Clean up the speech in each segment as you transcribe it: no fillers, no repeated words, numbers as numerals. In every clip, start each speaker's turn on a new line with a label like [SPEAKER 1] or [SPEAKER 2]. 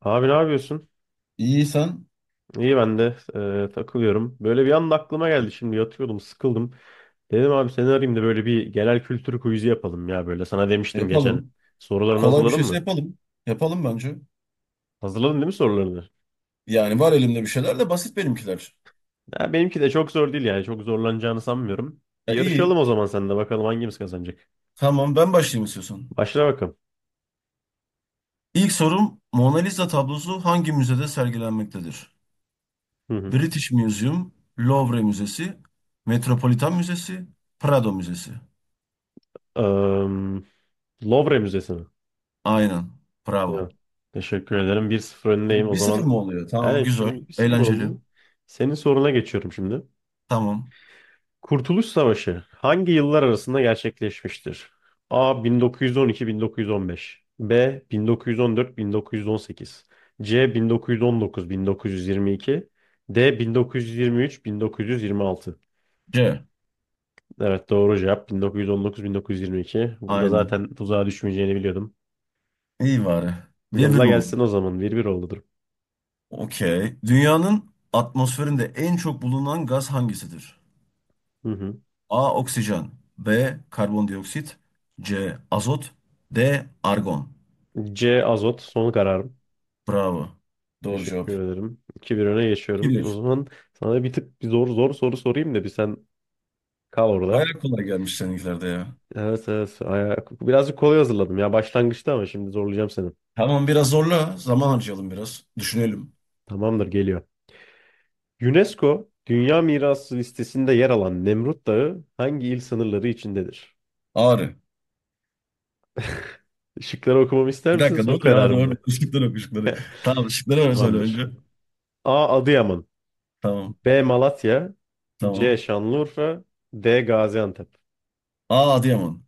[SPEAKER 1] Abi ne yapıyorsun?
[SPEAKER 2] İyiysen
[SPEAKER 1] İyi, ben de takılıyorum. Böyle bir anda aklıma geldi, şimdi yatıyordum, sıkıldım. Dedim abi seni arayayım da böyle bir genel kültür quiz'i yapalım ya böyle. Sana demiştim geçen.
[SPEAKER 2] yapalım.
[SPEAKER 1] Sorularını
[SPEAKER 2] Kolay bir
[SPEAKER 1] hazırladın
[SPEAKER 2] şeyse
[SPEAKER 1] mı?
[SPEAKER 2] yapalım. Yapalım bence.
[SPEAKER 1] Hazırladın değil mi sorularını?
[SPEAKER 2] Yani var elimde bir şeyler de basit benimkiler.
[SPEAKER 1] Ya benimki de çok zor değil yani, çok zorlanacağını sanmıyorum. Bir
[SPEAKER 2] Ya iyi.
[SPEAKER 1] yarışalım o zaman sen de, bakalım hangimiz kazanacak.
[SPEAKER 2] Tamam ben başlayayım istiyorsan.
[SPEAKER 1] Başla bakalım.
[SPEAKER 2] İlk sorum Mona Lisa tablosu hangi müzede sergilenmektedir?
[SPEAKER 1] Hı hı.
[SPEAKER 2] British Museum, Louvre Müzesi, Metropolitan Müzesi, Prado Müzesi.
[SPEAKER 1] Am, Louvre Müzesi mi?
[SPEAKER 2] Aynen.
[SPEAKER 1] Ya,
[SPEAKER 2] Bravo.
[SPEAKER 1] teşekkür ederim. 1-0 öndeyim o
[SPEAKER 2] Bir sıfır
[SPEAKER 1] zaman.
[SPEAKER 2] mı oluyor? Tamam,
[SPEAKER 1] Aynen,
[SPEAKER 2] güzel.
[SPEAKER 1] şimdi 1-0
[SPEAKER 2] Eğlenceli.
[SPEAKER 1] oldu. Senin soruna geçiyorum şimdi.
[SPEAKER 2] Tamam.
[SPEAKER 1] Kurtuluş Savaşı hangi yıllar arasında gerçekleşmiştir? A. 1912-1915, B. 1914-1918, C. 1919-1922, D. 1923-1926.
[SPEAKER 2] C.
[SPEAKER 1] Evet, doğru cevap 1919-1922. Burada
[SPEAKER 2] Aynen.
[SPEAKER 1] zaten tuzağa düşmeyeceğini biliyordum.
[SPEAKER 2] İyi bari. Bir bir
[SPEAKER 1] Yolla
[SPEAKER 2] mi oldu?
[SPEAKER 1] gelsin o zaman. 1-1 oldu durum.
[SPEAKER 2] Okey. Dünyanın atmosferinde en çok bulunan gaz hangisidir?
[SPEAKER 1] Hı hı.
[SPEAKER 2] A. Oksijen, B. Karbondioksit, C. Azot, D. Argon.
[SPEAKER 1] C. Azot, son kararım.
[SPEAKER 2] Bravo. Doğru
[SPEAKER 1] Teşekkür
[SPEAKER 2] cevap.
[SPEAKER 1] ederim. 2 bir öne geçiyorum. O
[SPEAKER 2] Bilir,
[SPEAKER 1] zaman sana bir tık bir zor zor soru sorayım da bir sen kal
[SPEAKER 2] bayağı
[SPEAKER 1] orada.
[SPEAKER 2] Baya kolay gelmiş seninkilerde ya.
[SPEAKER 1] Evet evet. Birazcık kolay hazırladım ya başlangıçta, ama şimdi zorlayacağım seni.
[SPEAKER 2] Tamam, biraz zorla. Zaman harcayalım biraz. Düşünelim.
[SPEAKER 1] Tamamdır, geliyor. UNESCO Dünya Mirası listesinde yer alan Nemrut Dağı hangi il sınırları içindedir?
[SPEAKER 2] Ağrı.
[SPEAKER 1] Işıkları okumamı ister
[SPEAKER 2] Bir
[SPEAKER 1] misin,
[SPEAKER 2] dakika,
[SPEAKER 1] son
[SPEAKER 2] doğru ya,
[SPEAKER 1] kararım
[SPEAKER 2] doğru.
[SPEAKER 1] mı?
[SPEAKER 2] Işıkları yok ışıkları. Tamam, ışıkları öyle söyle
[SPEAKER 1] Tamamdır.
[SPEAKER 2] önce.
[SPEAKER 1] A. Adıyaman,
[SPEAKER 2] Tamam.
[SPEAKER 1] B. Malatya, C.
[SPEAKER 2] Tamam.
[SPEAKER 1] Şanlıurfa, D. Gaziantep.
[SPEAKER 2] A. Adıyaman.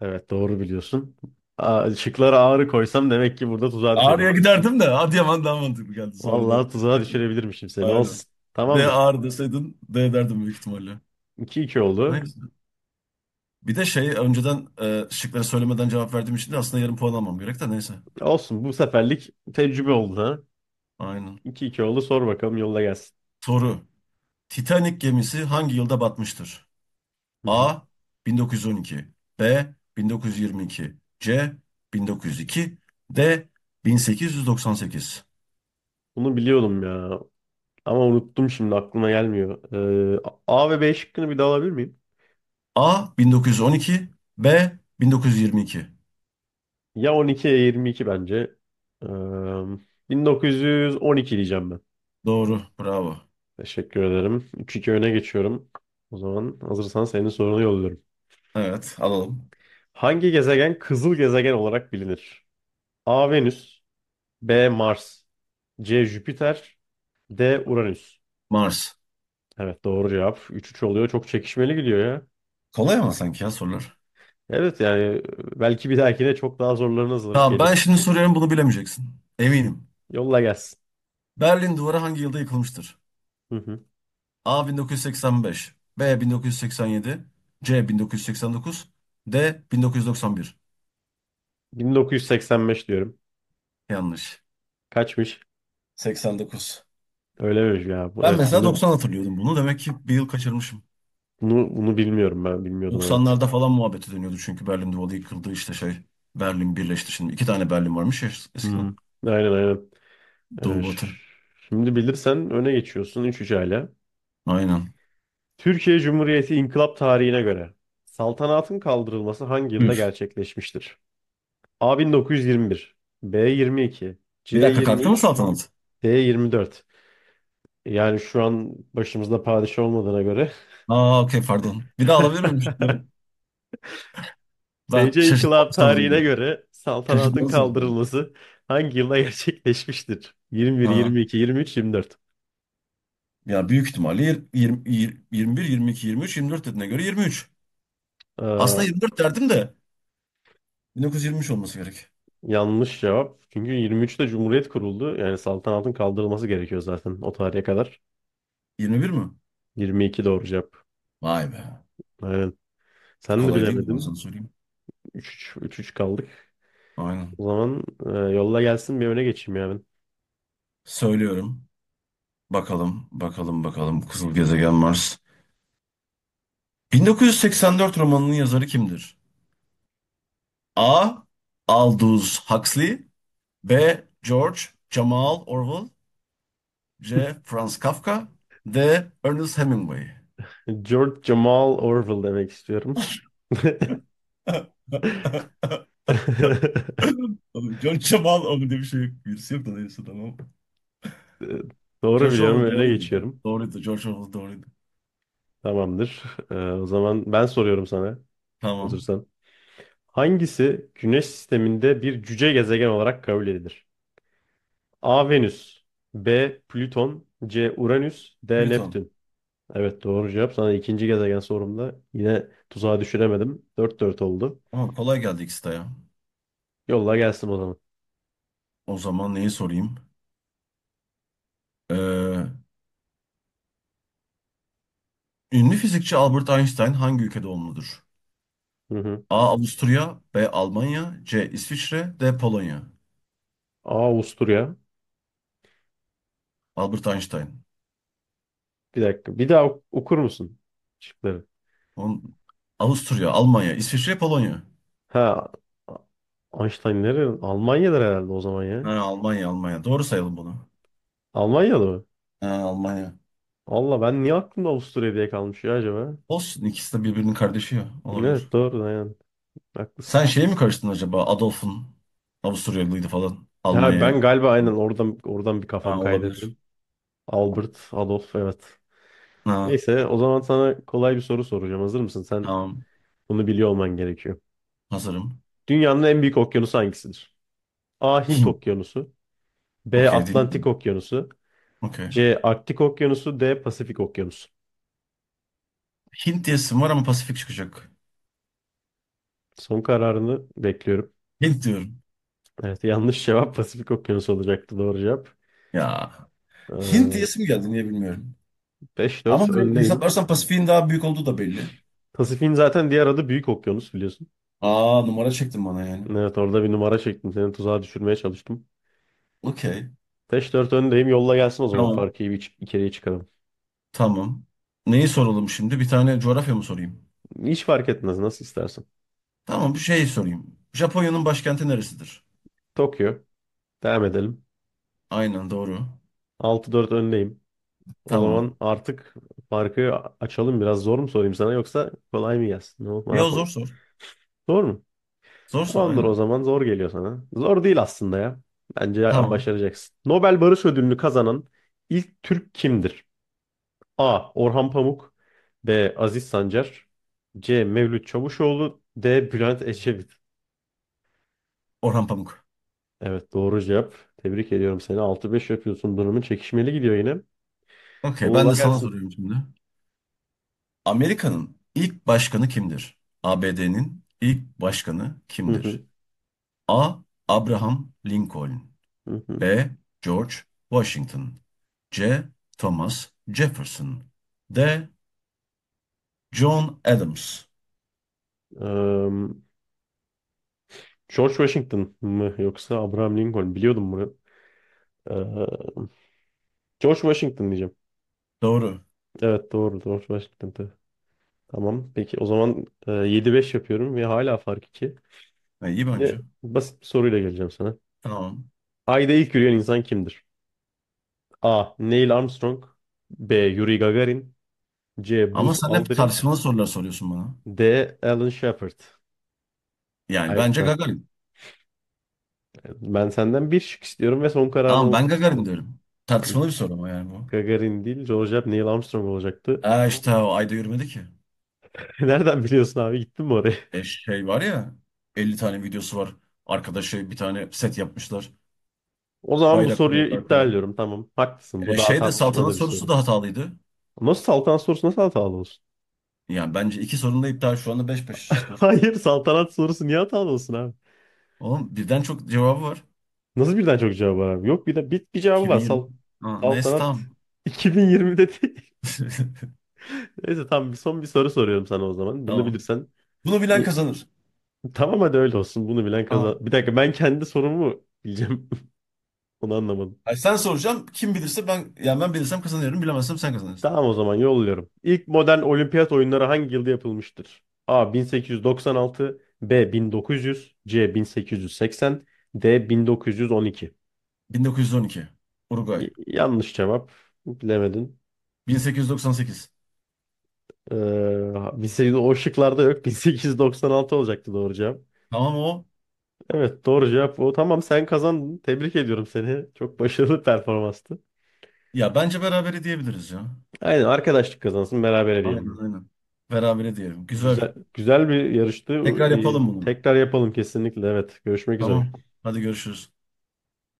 [SPEAKER 1] Evet, doğru biliyorsun. A şıklara ağrı koysam demek ki burada tuzağa
[SPEAKER 2] Ağrı'ya
[SPEAKER 1] düşecekmişsin.
[SPEAKER 2] giderdim de Adıyaman daha mantıklı geldi
[SPEAKER 1] Vallahi
[SPEAKER 2] sonradan.
[SPEAKER 1] tuzağa düşürebilirmişim seni,
[SPEAKER 2] Aynen.
[SPEAKER 1] olsun.
[SPEAKER 2] D
[SPEAKER 1] Tamamdır.
[SPEAKER 2] ağır deseydin D derdim büyük ihtimalle.
[SPEAKER 1] 2-2 oldu.
[SPEAKER 2] Neyse. Bir de şey önceden şıkları söylemeden cevap verdiğim için de aslında yarım puan almam gerek de neyse.
[SPEAKER 1] Olsun, bu seferlik tecrübe oldu ha.
[SPEAKER 2] Aynen.
[SPEAKER 1] 2-2 oldu, sor bakalım, yolla gelsin.
[SPEAKER 2] Soru. Titanic gemisi hangi yılda batmıştır?
[SPEAKER 1] Hı hı.
[SPEAKER 2] A. 1912, B. 1922, C. 1902, D. 1898.
[SPEAKER 1] Bunu biliyordum ya ama unuttum, şimdi aklıma gelmiyor. Ee, A ve B şıkkını bir daha alabilir miyim?
[SPEAKER 2] A. 1912, B. 1922.
[SPEAKER 1] Ya 12 ya 22 bence. Ee, 1912 diyeceğim ben.
[SPEAKER 2] Doğru. Bravo.
[SPEAKER 1] Teşekkür ederim. 3-2 öne geçiyorum. O zaman hazırsan senin sorunu yolluyorum.
[SPEAKER 2] Evet. Alalım.
[SPEAKER 1] Hangi gezegen kızıl gezegen olarak bilinir? A. Venüs, B. Mars, C. Jüpiter, D. Uranüs.
[SPEAKER 2] Mars.
[SPEAKER 1] Evet, doğru cevap. 3-3 oluyor. Çok çekişmeli gidiyor ya.
[SPEAKER 2] Kolay ama sanki ya sorular.
[SPEAKER 1] Evet yani belki bir dahakine çok daha zorlarına hazırlanıp
[SPEAKER 2] Tamam, ben
[SPEAKER 1] geliriz.
[SPEAKER 2] şimdi soruyorum, bunu bilemeyeceksin. Eminim.
[SPEAKER 1] Yolla gelsin.
[SPEAKER 2] Berlin Duvarı hangi yılda yıkılmıştır?
[SPEAKER 1] Hı hı.
[SPEAKER 2] A 1985, B 1987, C 1989, D 1991.
[SPEAKER 1] 1985 diyorum.
[SPEAKER 2] Yanlış.
[SPEAKER 1] Kaçmış?
[SPEAKER 2] 89.
[SPEAKER 1] Öyle miymiş ya?
[SPEAKER 2] Ben
[SPEAKER 1] Evet,
[SPEAKER 2] mesela
[SPEAKER 1] bunu
[SPEAKER 2] 90 hatırlıyordum bunu. Demek ki bir yıl kaçırmışım.
[SPEAKER 1] bunu, bunu bilmiyorum ben. Bilmiyordum, evet.
[SPEAKER 2] 90'larda falan muhabbeti dönüyordu çünkü Berlin Duvarı yıkıldı işte şey. Berlin birleşti şimdi. İki tane Berlin varmış ya
[SPEAKER 1] Hı
[SPEAKER 2] eskiden.
[SPEAKER 1] hı. Aynen aynen.
[SPEAKER 2] Doğu
[SPEAKER 1] Ee, ş-
[SPEAKER 2] batı.
[SPEAKER 1] şimdi bilirsen öne geçiyorsun, 3-3 hala.
[SPEAKER 2] Aynen.
[SPEAKER 1] Türkiye Cumhuriyeti inkılap tarihine göre saltanatın kaldırılması hangi yılda
[SPEAKER 2] Üf.
[SPEAKER 1] gerçekleşmiştir? A 1921, B 22, C
[SPEAKER 2] Bir dakika, kalktı mı
[SPEAKER 1] 23,
[SPEAKER 2] saltanat?
[SPEAKER 1] D 24. Yani şu an başımızda padişah olmadığına göre
[SPEAKER 2] Aa, okey, pardon. Bir daha alabilir miyim şunları? Ben
[SPEAKER 1] TC
[SPEAKER 2] şaşırtmalı
[SPEAKER 1] İnkılap tarihine
[SPEAKER 2] soru.
[SPEAKER 1] göre
[SPEAKER 2] Çocuk
[SPEAKER 1] saltanatın
[SPEAKER 2] nasıl?
[SPEAKER 1] kaldırılması hangi yılda gerçekleşmiştir? 21,
[SPEAKER 2] Ha.
[SPEAKER 1] 22, 23, 24.
[SPEAKER 2] Ya büyük ihtimalle yirmi bir, yirmi iki, yirmi üç, yirmi dört dediğine göre 23.
[SPEAKER 1] Aa,
[SPEAKER 2] Aslında 24 derdim de 1923 olması gerek.
[SPEAKER 1] yanlış cevap. Çünkü 23'te Cumhuriyet kuruldu. Yani saltanatın kaldırılması gerekiyor zaten o tarihe kadar.
[SPEAKER 2] 21 mi?
[SPEAKER 1] 22 doğru cevap.
[SPEAKER 2] Vay be.
[SPEAKER 1] Aynen.
[SPEAKER 2] Bu
[SPEAKER 1] Sen de
[SPEAKER 2] kolay değildi, ben sana
[SPEAKER 1] bilemedin.
[SPEAKER 2] söyleyeyim.
[SPEAKER 1] 3-3 3 kaldık.
[SPEAKER 2] Aynen.
[SPEAKER 1] O zaman yolla gelsin, bir öne geçeyim ya ben.
[SPEAKER 2] Söylüyorum. Bakalım, bakalım, bakalım. Kızıl gezegen Mars. 1984 romanının yazarı kimdir? A. Aldous Huxley, B. George Jamal Orwell, C. Franz Kafka, D. Ernest Hemingway.
[SPEAKER 1] George Jamal Orwell demek istiyorum.
[SPEAKER 2] Oğlum, George Jamal oğlum diye bir şey yok. Birisi yok da neyse, tamam.
[SPEAKER 1] Ee, Doğru
[SPEAKER 2] George
[SPEAKER 1] biliyorum,
[SPEAKER 2] Orwell
[SPEAKER 1] öne
[SPEAKER 2] doğruydu ya.
[SPEAKER 1] geçiyorum.
[SPEAKER 2] Doğruydu. George Orwell doğruydu.
[SPEAKER 1] Tamamdır. O zaman ben soruyorum sana,
[SPEAKER 2] Tamam.
[SPEAKER 1] hazırsan. Hangisi Güneş sisteminde bir cüce gezegen olarak kabul edilir? A. Venüs, B. Plüton, C. Uranüs, D.
[SPEAKER 2] Plüton.
[SPEAKER 1] Neptün. Evet, doğru cevap. Sana ikinci gezegen sorumda yine tuzağa düşüremedim. 4-4 oldu.
[SPEAKER 2] Ama kolay geldi ikisi de ya.
[SPEAKER 1] Yolla gelsin o zaman.
[SPEAKER 2] O zaman neyi sorayım? Ee, Ünlü fizikçi Albert Einstein hangi ülkede doğumludur?
[SPEAKER 1] Hı hı.
[SPEAKER 2] A. Avusturya, B. Almanya, C. İsviçre, D. Polonya.
[SPEAKER 1] A. Avusturya.
[SPEAKER 2] Albert Einstein.
[SPEAKER 1] Bir dakika. Bir daha okur musun şıkları?
[SPEAKER 2] On... Avusturya, Almanya, İsviçre, Polonya.
[SPEAKER 1] Ha, Einstein nerede? Almanya'dır herhalde o zaman ya.
[SPEAKER 2] Ha, Almanya, Almanya. Doğru sayalım bunu.
[SPEAKER 1] Almanya'da mı?
[SPEAKER 2] Ha, Almanya.
[SPEAKER 1] Allah, ben niye aklımda Avusturya diye kalmış ya acaba?
[SPEAKER 2] Olsun, ikisi de birbirinin kardeşi ya. Olabilir.
[SPEAKER 1] Evet, doğru yani.
[SPEAKER 2] Sen
[SPEAKER 1] Haklısın.
[SPEAKER 2] şeye mi karıştın acaba? Adolf'un. Avusturyalıydı falan.
[SPEAKER 1] Ha,
[SPEAKER 2] Almanya'ya.
[SPEAKER 1] ben galiba aynen oradan bir
[SPEAKER 2] Ha,
[SPEAKER 1] kafam kaydı benim.
[SPEAKER 2] olabilir.
[SPEAKER 1] Albert, Adolf, evet.
[SPEAKER 2] Ha,
[SPEAKER 1] Neyse, o zaman sana kolay bir soru soracağım. Hazır mısın? Sen
[SPEAKER 2] tamam.
[SPEAKER 1] bunu biliyor olman gerekiyor.
[SPEAKER 2] Hazırım.
[SPEAKER 1] Dünyanın en büyük okyanusu hangisidir? A. Hint
[SPEAKER 2] Hint.
[SPEAKER 1] Okyanusu, B.
[SPEAKER 2] Okey,
[SPEAKER 1] Atlantik
[SPEAKER 2] dinliyorum.
[SPEAKER 1] Okyanusu,
[SPEAKER 2] Okey.
[SPEAKER 1] C. Arktik Okyanusu, D. Pasifik Okyanusu.
[SPEAKER 2] Hint diyesim var ama Pasifik çıkacak.
[SPEAKER 1] Son kararını bekliyorum.
[SPEAKER 2] Hint diyorum.
[SPEAKER 1] Evet, yanlış cevap. Pasifik Okyanusu olacaktı doğru cevap.
[SPEAKER 2] Ya. Hint
[SPEAKER 1] Ee,
[SPEAKER 2] diyesim geldi, niye bilmiyorum. Ama
[SPEAKER 1] 5-4
[SPEAKER 2] hani
[SPEAKER 1] öndeyim.
[SPEAKER 2] hesaplarsan Pasifik'in daha büyük olduğu da belli.
[SPEAKER 1] Pasifik'in zaten diğer adı Büyük Okyanus, biliyorsun.
[SPEAKER 2] Aa, numara çektin bana yani.
[SPEAKER 1] Evet, orada bir numara çektim. Seni tuzağa düşürmeye çalıştım.
[SPEAKER 2] Okey.
[SPEAKER 1] 5-4 öndeyim. Yolla gelsin o zaman.
[SPEAKER 2] Tamam.
[SPEAKER 1] Farkı iyi bir, içeriye çıkarım.
[SPEAKER 2] Tamam. Neyi soralım şimdi? Bir tane coğrafya mı sorayım?
[SPEAKER 1] Hiç fark etmez. Nasıl istersen.
[SPEAKER 2] Tamam, bir şey sorayım. Japonya'nın başkenti neresidir?
[SPEAKER 1] Tokyo. Devam edelim.
[SPEAKER 2] Aynen, doğru.
[SPEAKER 1] 6-4 öndeyim. O zaman
[SPEAKER 2] Tamam.
[SPEAKER 1] artık farkı açalım. Biraz zor mu sorayım sana, yoksa kolay mı gelsin? Ne olur, ne
[SPEAKER 2] Ya
[SPEAKER 1] yapalım?
[SPEAKER 2] zor sor.
[SPEAKER 1] Zor mu?
[SPEAKER 2] Zor sor,
[SPEAKER 1] Tamamdır o
[SPEAKER 2] aynen.
[SPEAKER 1] zaman. Zor geliyor sana. Zor değil aslında ya. Bence
[SPEAKER 2] Tamam.
[SPEAKER 1] başaracaksın. Nobel Barış Ödülünü kazanan ilk Türk kimdir? A. Orhan Pamuk, B. Aziz Sancar, C. Mevlüt Çavuşoğlu, D. Bülent Ecevit.
[SPEAKER 2] Orhan Pamuk.
[SPEAKER 1] Evet, doğru cevap. Tebrik ediyorum seni. 6-5 yapıyorsun. Durumun çekişmeli gidiyor yine.
[SPEAKER 2] Okey, ben
[SPEAKER 1] Yolla
[SPEAKER 2] de sana
[SPEAKER 1] gelsin.
[SPEAKER 2] soruyorum şimdi. Amerika'nın ilk başkanı kimdir? ABD'nin ilk başkanı
[SPEAKER 1] Hı
[SPEAKER 2] kimdir?
[SPEAKER 1] hı,
[SPEAKER 2] A. Abraham Lincoln,
[SPEAKER 1] hı hı.
[SPEAKER 2] B. George Washington, C. Thomas Jefferson, D. John Adams.
[SPEAKER 1] Eee, George Washington mı yoksa Abraham Lincoln? Biliyordum bunu. Eee, George Washington diyeceğim.
[SPEAKER 2] Doğru.
[SPEAKER 1] Evet, doğru. George Washington'dı. Tamam. Peki o zaman 7-5 yapıyorum ve hala fark 2.
[SPEAKER 2] Ha, iyi
[SPEAKER 1] Yine
[SPEAKER 2] bence.
[SPEAKER 1] basit bir soruyla geleceğim sana.
[SPEAKER 2] Tamam.
[SPEAKER 1] Ayda ilk yürüyen insan kimdir? A. Neil Armstrong, B. Yuri Gagarin, C.
[SPEAKER 2] Ama
[SPEAKER 1] Buzz
[SPEAKER 2] sen hep
[SPEAKER 1] Aldrin,
[SPEAKER 2] tartışmalı sorular soruyorsun bana.
[SPEAKER 1] D. Alan Shepard.
[SPEAKER 2] Yani
[SPEAKER 1] Hayır,
[SPEAKER 2] bence Gagarin.
[SPEAKER 1] ben senden bir şık istiyorum ve son kararını
[SPEAKER 2] Ama
[SPEAKER 1] almak
[SPEAKER 2] ben Gagarin
[SPEAKER 1] istiyorum.
[SPEAKER 2] diyorum.
[SPEAKER 1] Ben
[SPEAKER 2] Tartışmalı bir soru ama yani bu.
[SPEAKER 1] Gagarin değil, George Neil Armstrong olacaktı.
[SPEAKER 2] E işte o ayda yürümedi ki.
[SPEAKER 1] Nereden biliyorsun abi? Gittin mi oraya?
[SPEAKER 2] E şey var ya, 50 tane videosu var. Arkadaşı bir tane set yapmışlar.
[SPEAKER 1] O zaman bu
[SPEAKER 2] Bayrak
[SPEAKER 1] soruyu
[SPEAKER 2] koyuyorlar koyuyor.
[SPEAKER 1] iptal ediyorum. Tamam, haklısın. Bu
[SPEAKER 2] E
[SPEAKER 1] daha
[SPEAKER 2] şey de saltanat
[SPEAKER 1] tartışmalı bir
[SPEAKER 2] sorusu
[SPEAKER 1] soru.
[SPEAKER 2] da hatalıydı.
[SPEAKER 1] Nasıl saltanat sorusu nasıl hatalı olsun?
[SPEAKER 2] Yani bence iki sorun da iptal. Şu anda beş beş skor.
[SPEAKER 1] Hayır, saltanat sorusu niye hatalı olsun abi?
[SPEAKER 2] Oğlum birden çok cevabı var.
[SPEAKER 1] Nasıl birden çok cevap var abi? Yok, bir de bir cevabı var.
[SPEAKER 2] 2020.
[SPEAKER 1] Sal,
[SPEAKER 2] Ha, neyse
[SPEAKER 1] saltanat
[SPEAKER 2] tamam.
[SPEAKER 1] 2020'de değil. Neyse tamam, bir son bir soru soruyorum sana o zaman. Bunu
[SPEAKER 2] Tamam.
[SPEAKER 1] bilirsen
[SPEAKER 2] Bunu bilen
[SPEAKER 1] İyi.
[SPEAKER 2] kazanır.
[SPEAKER 1] Tamam, hadi öyle olsun. Bunu bilen
[SPEAKER 2] Tamam.
[SPEAKER 1] kazan. Bir dakika, ben kendi sorumu bileceğim. Onu anlamadım.
[SPEAKER 2] Ay, sen soracağım. Kim bilirse, ben yani ben bilirsem kazanıyorum. Bilemezsem sen kazanırsın.
[SPEAKER 1] Tamam, o zaman yolluyorum. İlk modern olimpiyat oyunları hangi yılda yapılmıştır? A 1896, B 1900, C 1880, D 1912.
[SPEAKER 2] 1912. Uruguay.
[SPEAKER 1] Yanlış cevap. Bilemedin.
[SPEAKER 2] 1898.
[SPEAKER 1] Ee, 1800 o şıklarda yok. 1896 olacaktı doğru cevap.
[SPEAKER 2] Tamam o.
[SPEAKER 1] Evet, doğru cevap o. Tamam, sen kazandın. Tebrik ediyorum seni. Çok başarılı performanstı.
[SPEAKER 2] Ya bence berabere diyebiliriz ya.
[SPEAKER 1] Aynen, arkadaşlık kazansın, beraber diyelim
[SPEAKER 2] Aynen
[SPEAKER 1] bunu.
[SPEAKER 2] aynen. Berabere diyelim. Güzel.
[SPEAKER 1] Güzel, güzel bir yarıştı.
[SPEAKER 2] Tekrar yapalım bunu.
[SPEAKER 1] Tekrar yapalım kesinlikle. Evet. Görüşmek üzere.
[SPEAKER 2] Tamam. Hadi görüşürüz.